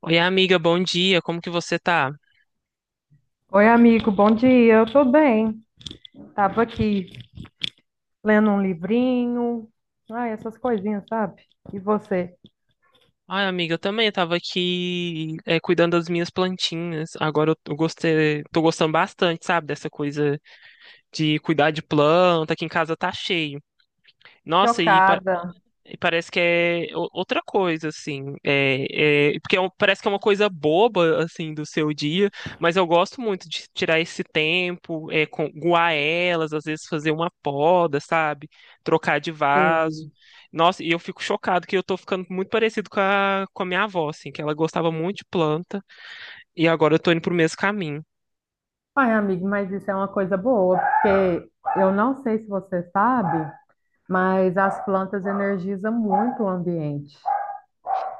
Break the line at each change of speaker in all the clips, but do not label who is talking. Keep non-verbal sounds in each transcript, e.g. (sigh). Oi, amiga, bom dia. Como que você tá?
Oi, amigo, bom dia. Eu tô bem. Tava aqui lendo um livrinho, ai, essas coisinhas, sabe? E você?
Ai, amiga, eu também tava aqui cuidando das minhas plantinhas. Agora eu gostei, tô gostando bastante, sabe, dessa coisa de cuidar de planta, que em casa tá cheio. Nossa, e pa-
Chocada.
E parece que é outra coisa, assim. Porque parece que é uma coisa boba, assim, do seu dia, mas eu gosto muito de tirar esse tempo, com, guar elas, às vezes fazer uma poda, sabe? Trocar de vaso.
Ei.
Nossa, e eu fico chocado que eu tô ficando muito parecido com a minha avó, assim, que ela gostava muito de planta, e agora eu tô indo pro mesmo caminho.
Ai, amigo, mas isso é uma coisa boa, porque eu não sei se você sabe, mas as plantas energizam muito o ambiente.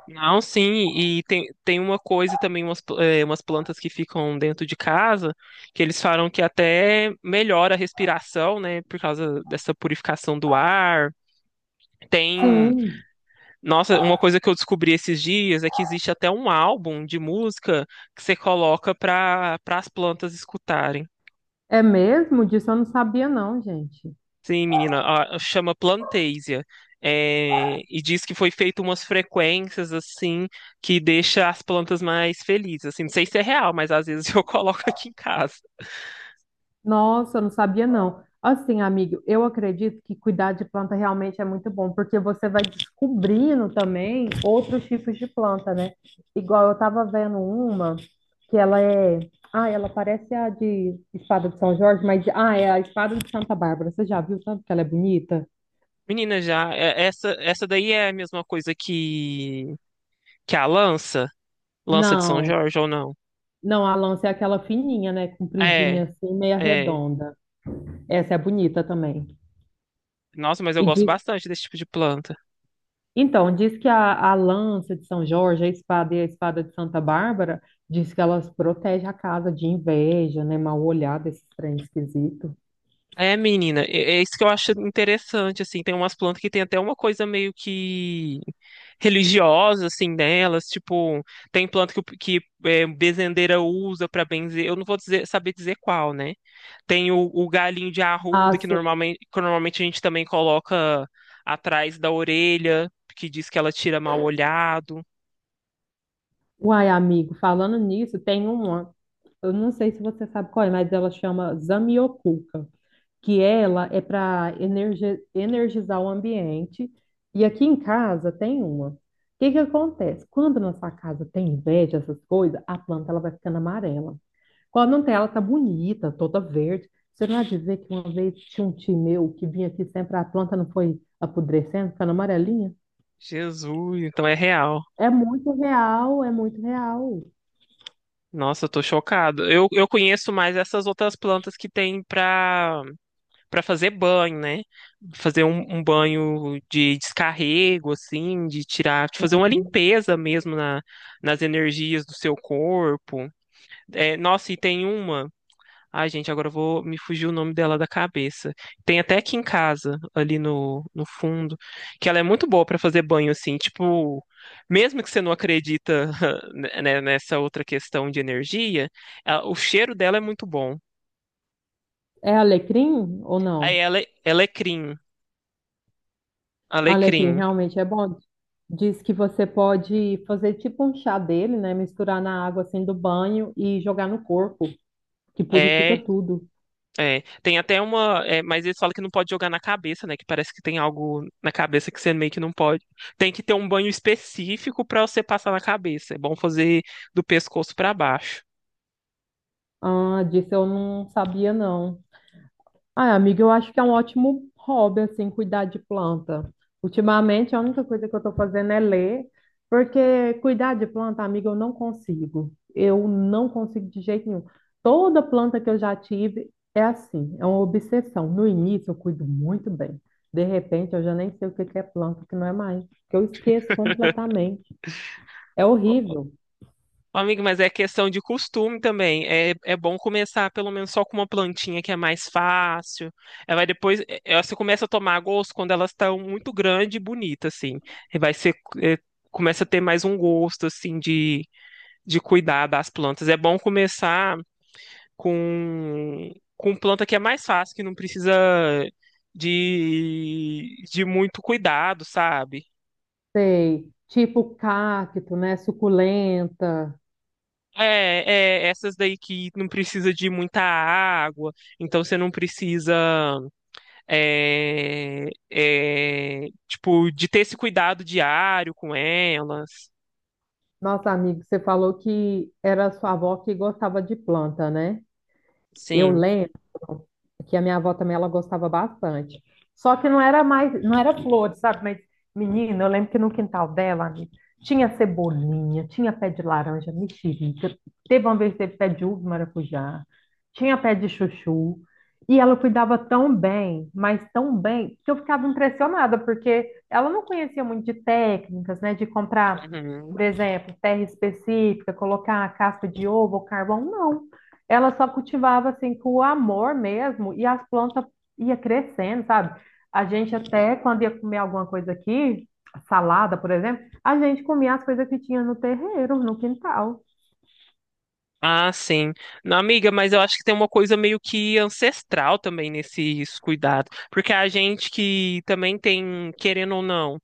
Não, sim, e tem uma coisa também, umas plantas que ficam dentro de casa, que eles falam que até melhora a respiração, né, por causa dessa purificação do ar. Tem,
Sim,
nossa, uma coisa que eu descobri esses dias é que existe até um álbum de música que você coloca para as plantas escutarem.
é mesmo? Disso eu não sabia, não, gente.
Sim, menina, chama Plantasia. É, e diz que foi feito umas frequências assim que deixa as plantas mais felizes. Assim, não sei se é real, mas às vezes (laughs) eu coloco aqui em casa.
Nossa, eu não sabia não. Assim, amigo, eu acredito que cuidar de planta realmente é muito bom, porque você vai descobrindo também outros tipos de planta, né? Igual eu tava vendo uma que ela é, ah, ela parece a de espada de São Jorge, mas ah, é a espada de Santa Bárbara. Você já viu tanto que ela é bonita?
Menina, essa daí é a mesma coisa que a lança, lança de São
Não,
Jorge ou não?
não, a lança é aquela fininha, né? Compridinha
É,
assim, meia
é.
redonda. Essa é bonita também.
Nossa, mas eu gosto bastante desse tipo de planta.
Então, diz que a lança de São Jorge, a espada e a espada de Santa Bárbara, diz que elas protegem a casa de inveja, né? Mal olhada, esse trem esquisito.
É, menina, é isso que eu acho interessante, assim, tem umas plantas que tem até uma coisa meio que religiosa, assim, delas, tipo, tem planta que, bezendeira usa pra benzer, eu não vou dizer, saber dizer qual, né? Tem o galinho de
Ah,
arruda, que
sim.
normalmente, que normalmente a gente também coloca atrás da orelha, que diz que ela tira mal olhado.
Uai, amigo, falando nisso, tem uma, eu não sei se você sabe qual é, mas ela chama Zamioculca, que ela é para energizar o ambiente. E aqui em casa tem uma. O que que acontece? Quando na sua casa tem inveja, essas coisas, a planta ela vai ficando amarela. Quando não tem, ela tá bonita, toda verde. Você não há de ver que uma vez tinha um tio meu que vinha aqui sempre, a planta não foi apodrecendo, ficando amarelinha?
Jesus, então é real.
É muito real, é muito real.
Nossa, eu tô chocado. Eu conheço mais essas outras plantas que tem pra para fazer banho, né? Fazer um banho de descarrego, assim, de tirar, de fazer uma limpeza mesmo nas energias do seu corpo. É, nossa, e tem uma. Ai, gente, agora eu vou me fugir o nome dela da cabeça. Tem até aqui em casa, ali no fundo, que ela é muito boa para fazer banho, assim, tipo, mesmo que você não acredita, (laughs) né, nessa outra questão de energia, o cheiro dela é muito bom.
É alecrim ou
Aí
não?
ela é alecrim,
Alecrim
alecrim.
realmente é bom. Diz que você pode fazer tipo um chá dele, né? Misturar na água assim do banho e jogar no corpo, que purifica
É,
tudo.
é, tem até uma. É, mas eles falam que não pode jogar na cabeça, né? Que parece que tem algo na cabeça que você meio que não pode. Tem que ter um banho específico pra você passar na cabeça. É bom fazer do pescoço pra baixo.
Ah, disso eu não sabia não. Ah, amiga, eu acho que é um ótimo hobby, assim, cuidar de planta. Ultimamente, a única coisa que eu estou fazendo é ler, porque cuidar de planta, amiga, eu não consigo. Eu não consigo de jeito nenhum. Toda planta que eu já tive é assim, é uma obsessão. No início, eu cuido muito bem. De repente, eu já nem sei o que que é planta, o que não é mais, que eu esqueço completamente. É
Ô,
horrível.
amigo, mas é questão de costume também. É, é bom começar pelo menos só com uma plantinha que é mais fácil. Ela vai depois. Você começa a tomar gosto quando elas estão muito grandes e bonitas, assim. E vai ser. é, Começa a ter mais um gosto, assim, de cuidar das plantas. É bom começar. Com, com planta que é mais fácil, que não precisa de muito cuidado, sabe?
Sei, tipo cacto, né, suculenta.
Essas daí que não precisa de muita água, então você não precisa, tipo, de ter esse cuidado diário com elas.
Nossa, amigo, você falou que era sua avó que gostava de planta, né? Eu
Sim.
lembro que a minha avó também ela gostava bastante. Só que não era mais, não era flores, sabe? Mas, menina, eu lembro que no quintal dela, amiga, tinha cebolinha, tinha pé de laranja, mexerica, teve uma vez que teve pé de uva, e maracujá, tinha pé de chuchu. E ela cuidava tão bem, mas tão bem, que eu ficava impressionada, porque ela não conhecia muito de técnicas, né? De comprar,
Uhum.
por exemplo, terra específica, colocar a casca de ovo ou carvão, não, ela só cultivava assim com o amor mesmo e as plantas ia crescendo, sabe? A gente até quando ia comer alguma coisa aqui, salada, por exemplo, a gente comia as coisas que tinha no terreiro, no quintal.
Ah, sim. Não, amiga, mas eu acho que tem uma coisa meio que ancestral também nesses cuidados. Porque a gente que também tem, querendo ou não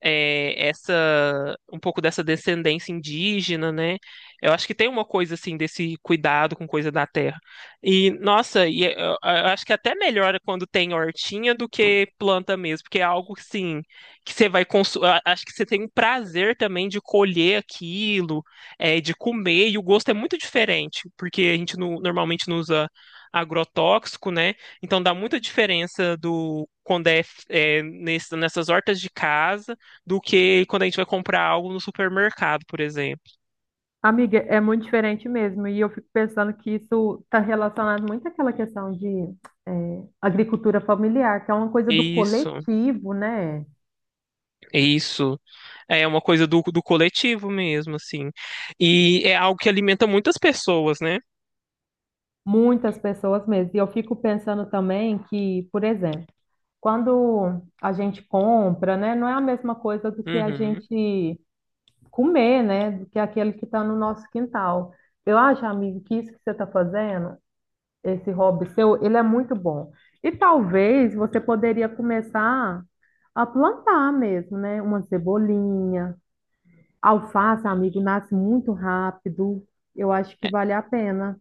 essa um pouco dessa descendência indígena, né? Eu acho que tem uma coisa assim desse cuidado com coisa da terra. E nossa, eu acho que até melhora quando tem hortinha do que planta mesmo, porque é algo assim que você vai consumir. Acho que você tem um prazer também de colher aquilo, de comer e o gosto é muito diferente, porque a gente normalmente não usa agrotóxico, né? Então dá muita diferença do quando nessas hortas de casa do que quando a gente vai comprar algo no supermercado, por exemplo.
Amiga, é muito diferente mesmo, e eu fico pensando que isso está relacionado muito àquela questão de agricultura familiar, que é uma coisa do
Isso,
coletivo, né?
isso. É uma coisa do, do coletivo mesmo, assim. E é algo que alimenta muitas pessoas, né?
Muitas pessoas mesmo. E eu fico pensando também que, por exemplo, quando a gente compra, né, não é a mesma coisa do que a
Uhum.
gente comer, né, do que aquele que está no nosso quintal. Eu acho, amigo, que isso que você está fazendo, esse hobby seu, ele é muito bom. E talvez você poderia começar a plantar mesmo, né, uma cebolinha, alface, amigo, nasce muito rápido. Eu acho que vale a pena.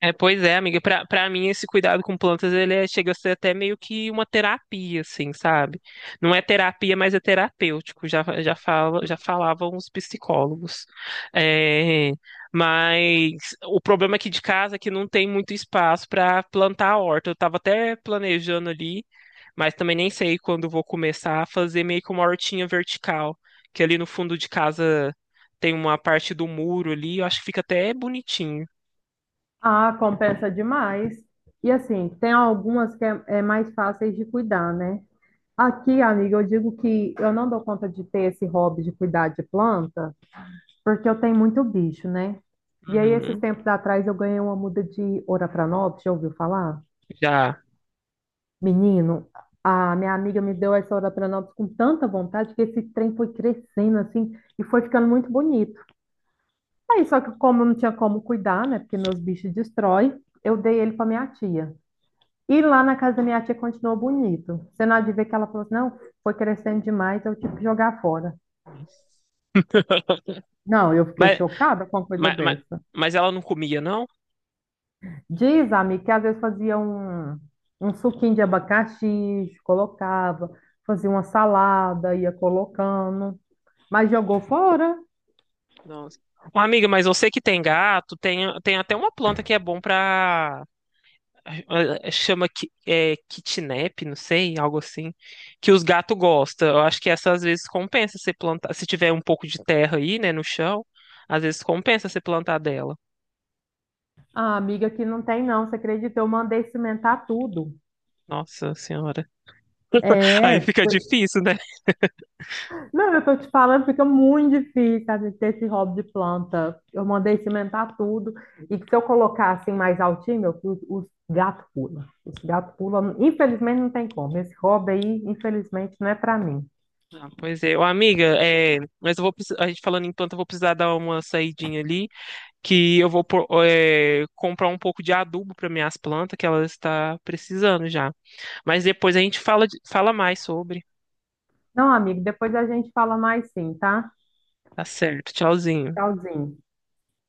É, pois é, amiga. Pra mim, esse cuidado com plantas, ele chega a ser até meio que uma terapia, assim, sabe? Não é terapia, mas é terapêutico, já falavam os psicólogos. É, mas o problema aqui de casa é que não tem muito espaço para plantar a horta. Eu tava até planejando ali, mas também nem sei quando vou começar a fazer meio que uma hortinha vertical, que ali no fundo de casa tem uma parte do muro ali, eu acho que fica até bonitinho.
Ah, compensa demais. E assim, tem algumas que é mais fáceis de cuidar, né? Aqui, amiga, eu digo que eu não dou conta de ter esse hobby de cuidar de planta, porque eu tenho muito bicho, né? E aí, esses
Uhum,
tempos atrás, eu ganhei uma muda de Oropranápolis, já ouviu falar?
já.
Menino, a minha amiga me deu essa Oropranápolis com tanta vontade que esse trem foi crescendo assim e foi ficando muito bonito. Aí, só que como eu não tinha como cuidar, né? Porque meus bichos destroem, eu dei ele para minha tia. E lá na casa da minha tia continuou bonito. Você não há de ver que ela falou assim, não, foi crescendo demais, eu tive que jogar fora. Não, eu fiquei
Mas,
chocada com uma coisa
mas, mas,
dessa.
mas ela não comia, não?
Diz, amiga, que às vezes fazia um, um suquinho de abacaxi, colocava, fazia uma salada, ia colocando, mas jogou fora.
Nossa. Ô, amiga, mas eu sei que tem gato, tem até uma planta que é bom pra. Chama kitnap, não sei, algo assim, que os gatos gostam. Eu acho que essa às vezes compensa você plantar. Se tiver um pouco de terra aí, né, no chão, às vezes compensa você plantar dela.
Ah, amiga, que não tem não, você acredita? Eu mandei cimentar tudo.
Nossa senhora. Aí
É.
fica difícil, né?
Não, eu tô te falando, fica muito difícil, sabe, ter esse hobby de planta. Eu mandei cimentar tudo. E que se eu colocar assim mais altinho, meu, os gatos pulam. Os gatos pulam. Infelizmente não tem como. Esse hobby aí, infelizmente, não é pra mim.
Ah, pois é, ô amiga, é, mas eu vou a gente falando enquanto eu vou precisar dar uma saidinha ali, que eu vou pôr, é, comprar um pouco de adubo para minhas plantas que elas está precisando já. Mas depois a gente fala fala mais sobre.
Não, amigo, depois a gente fala mais sim, tá?
Tá certo, tchauzinho.
Tchauzinho.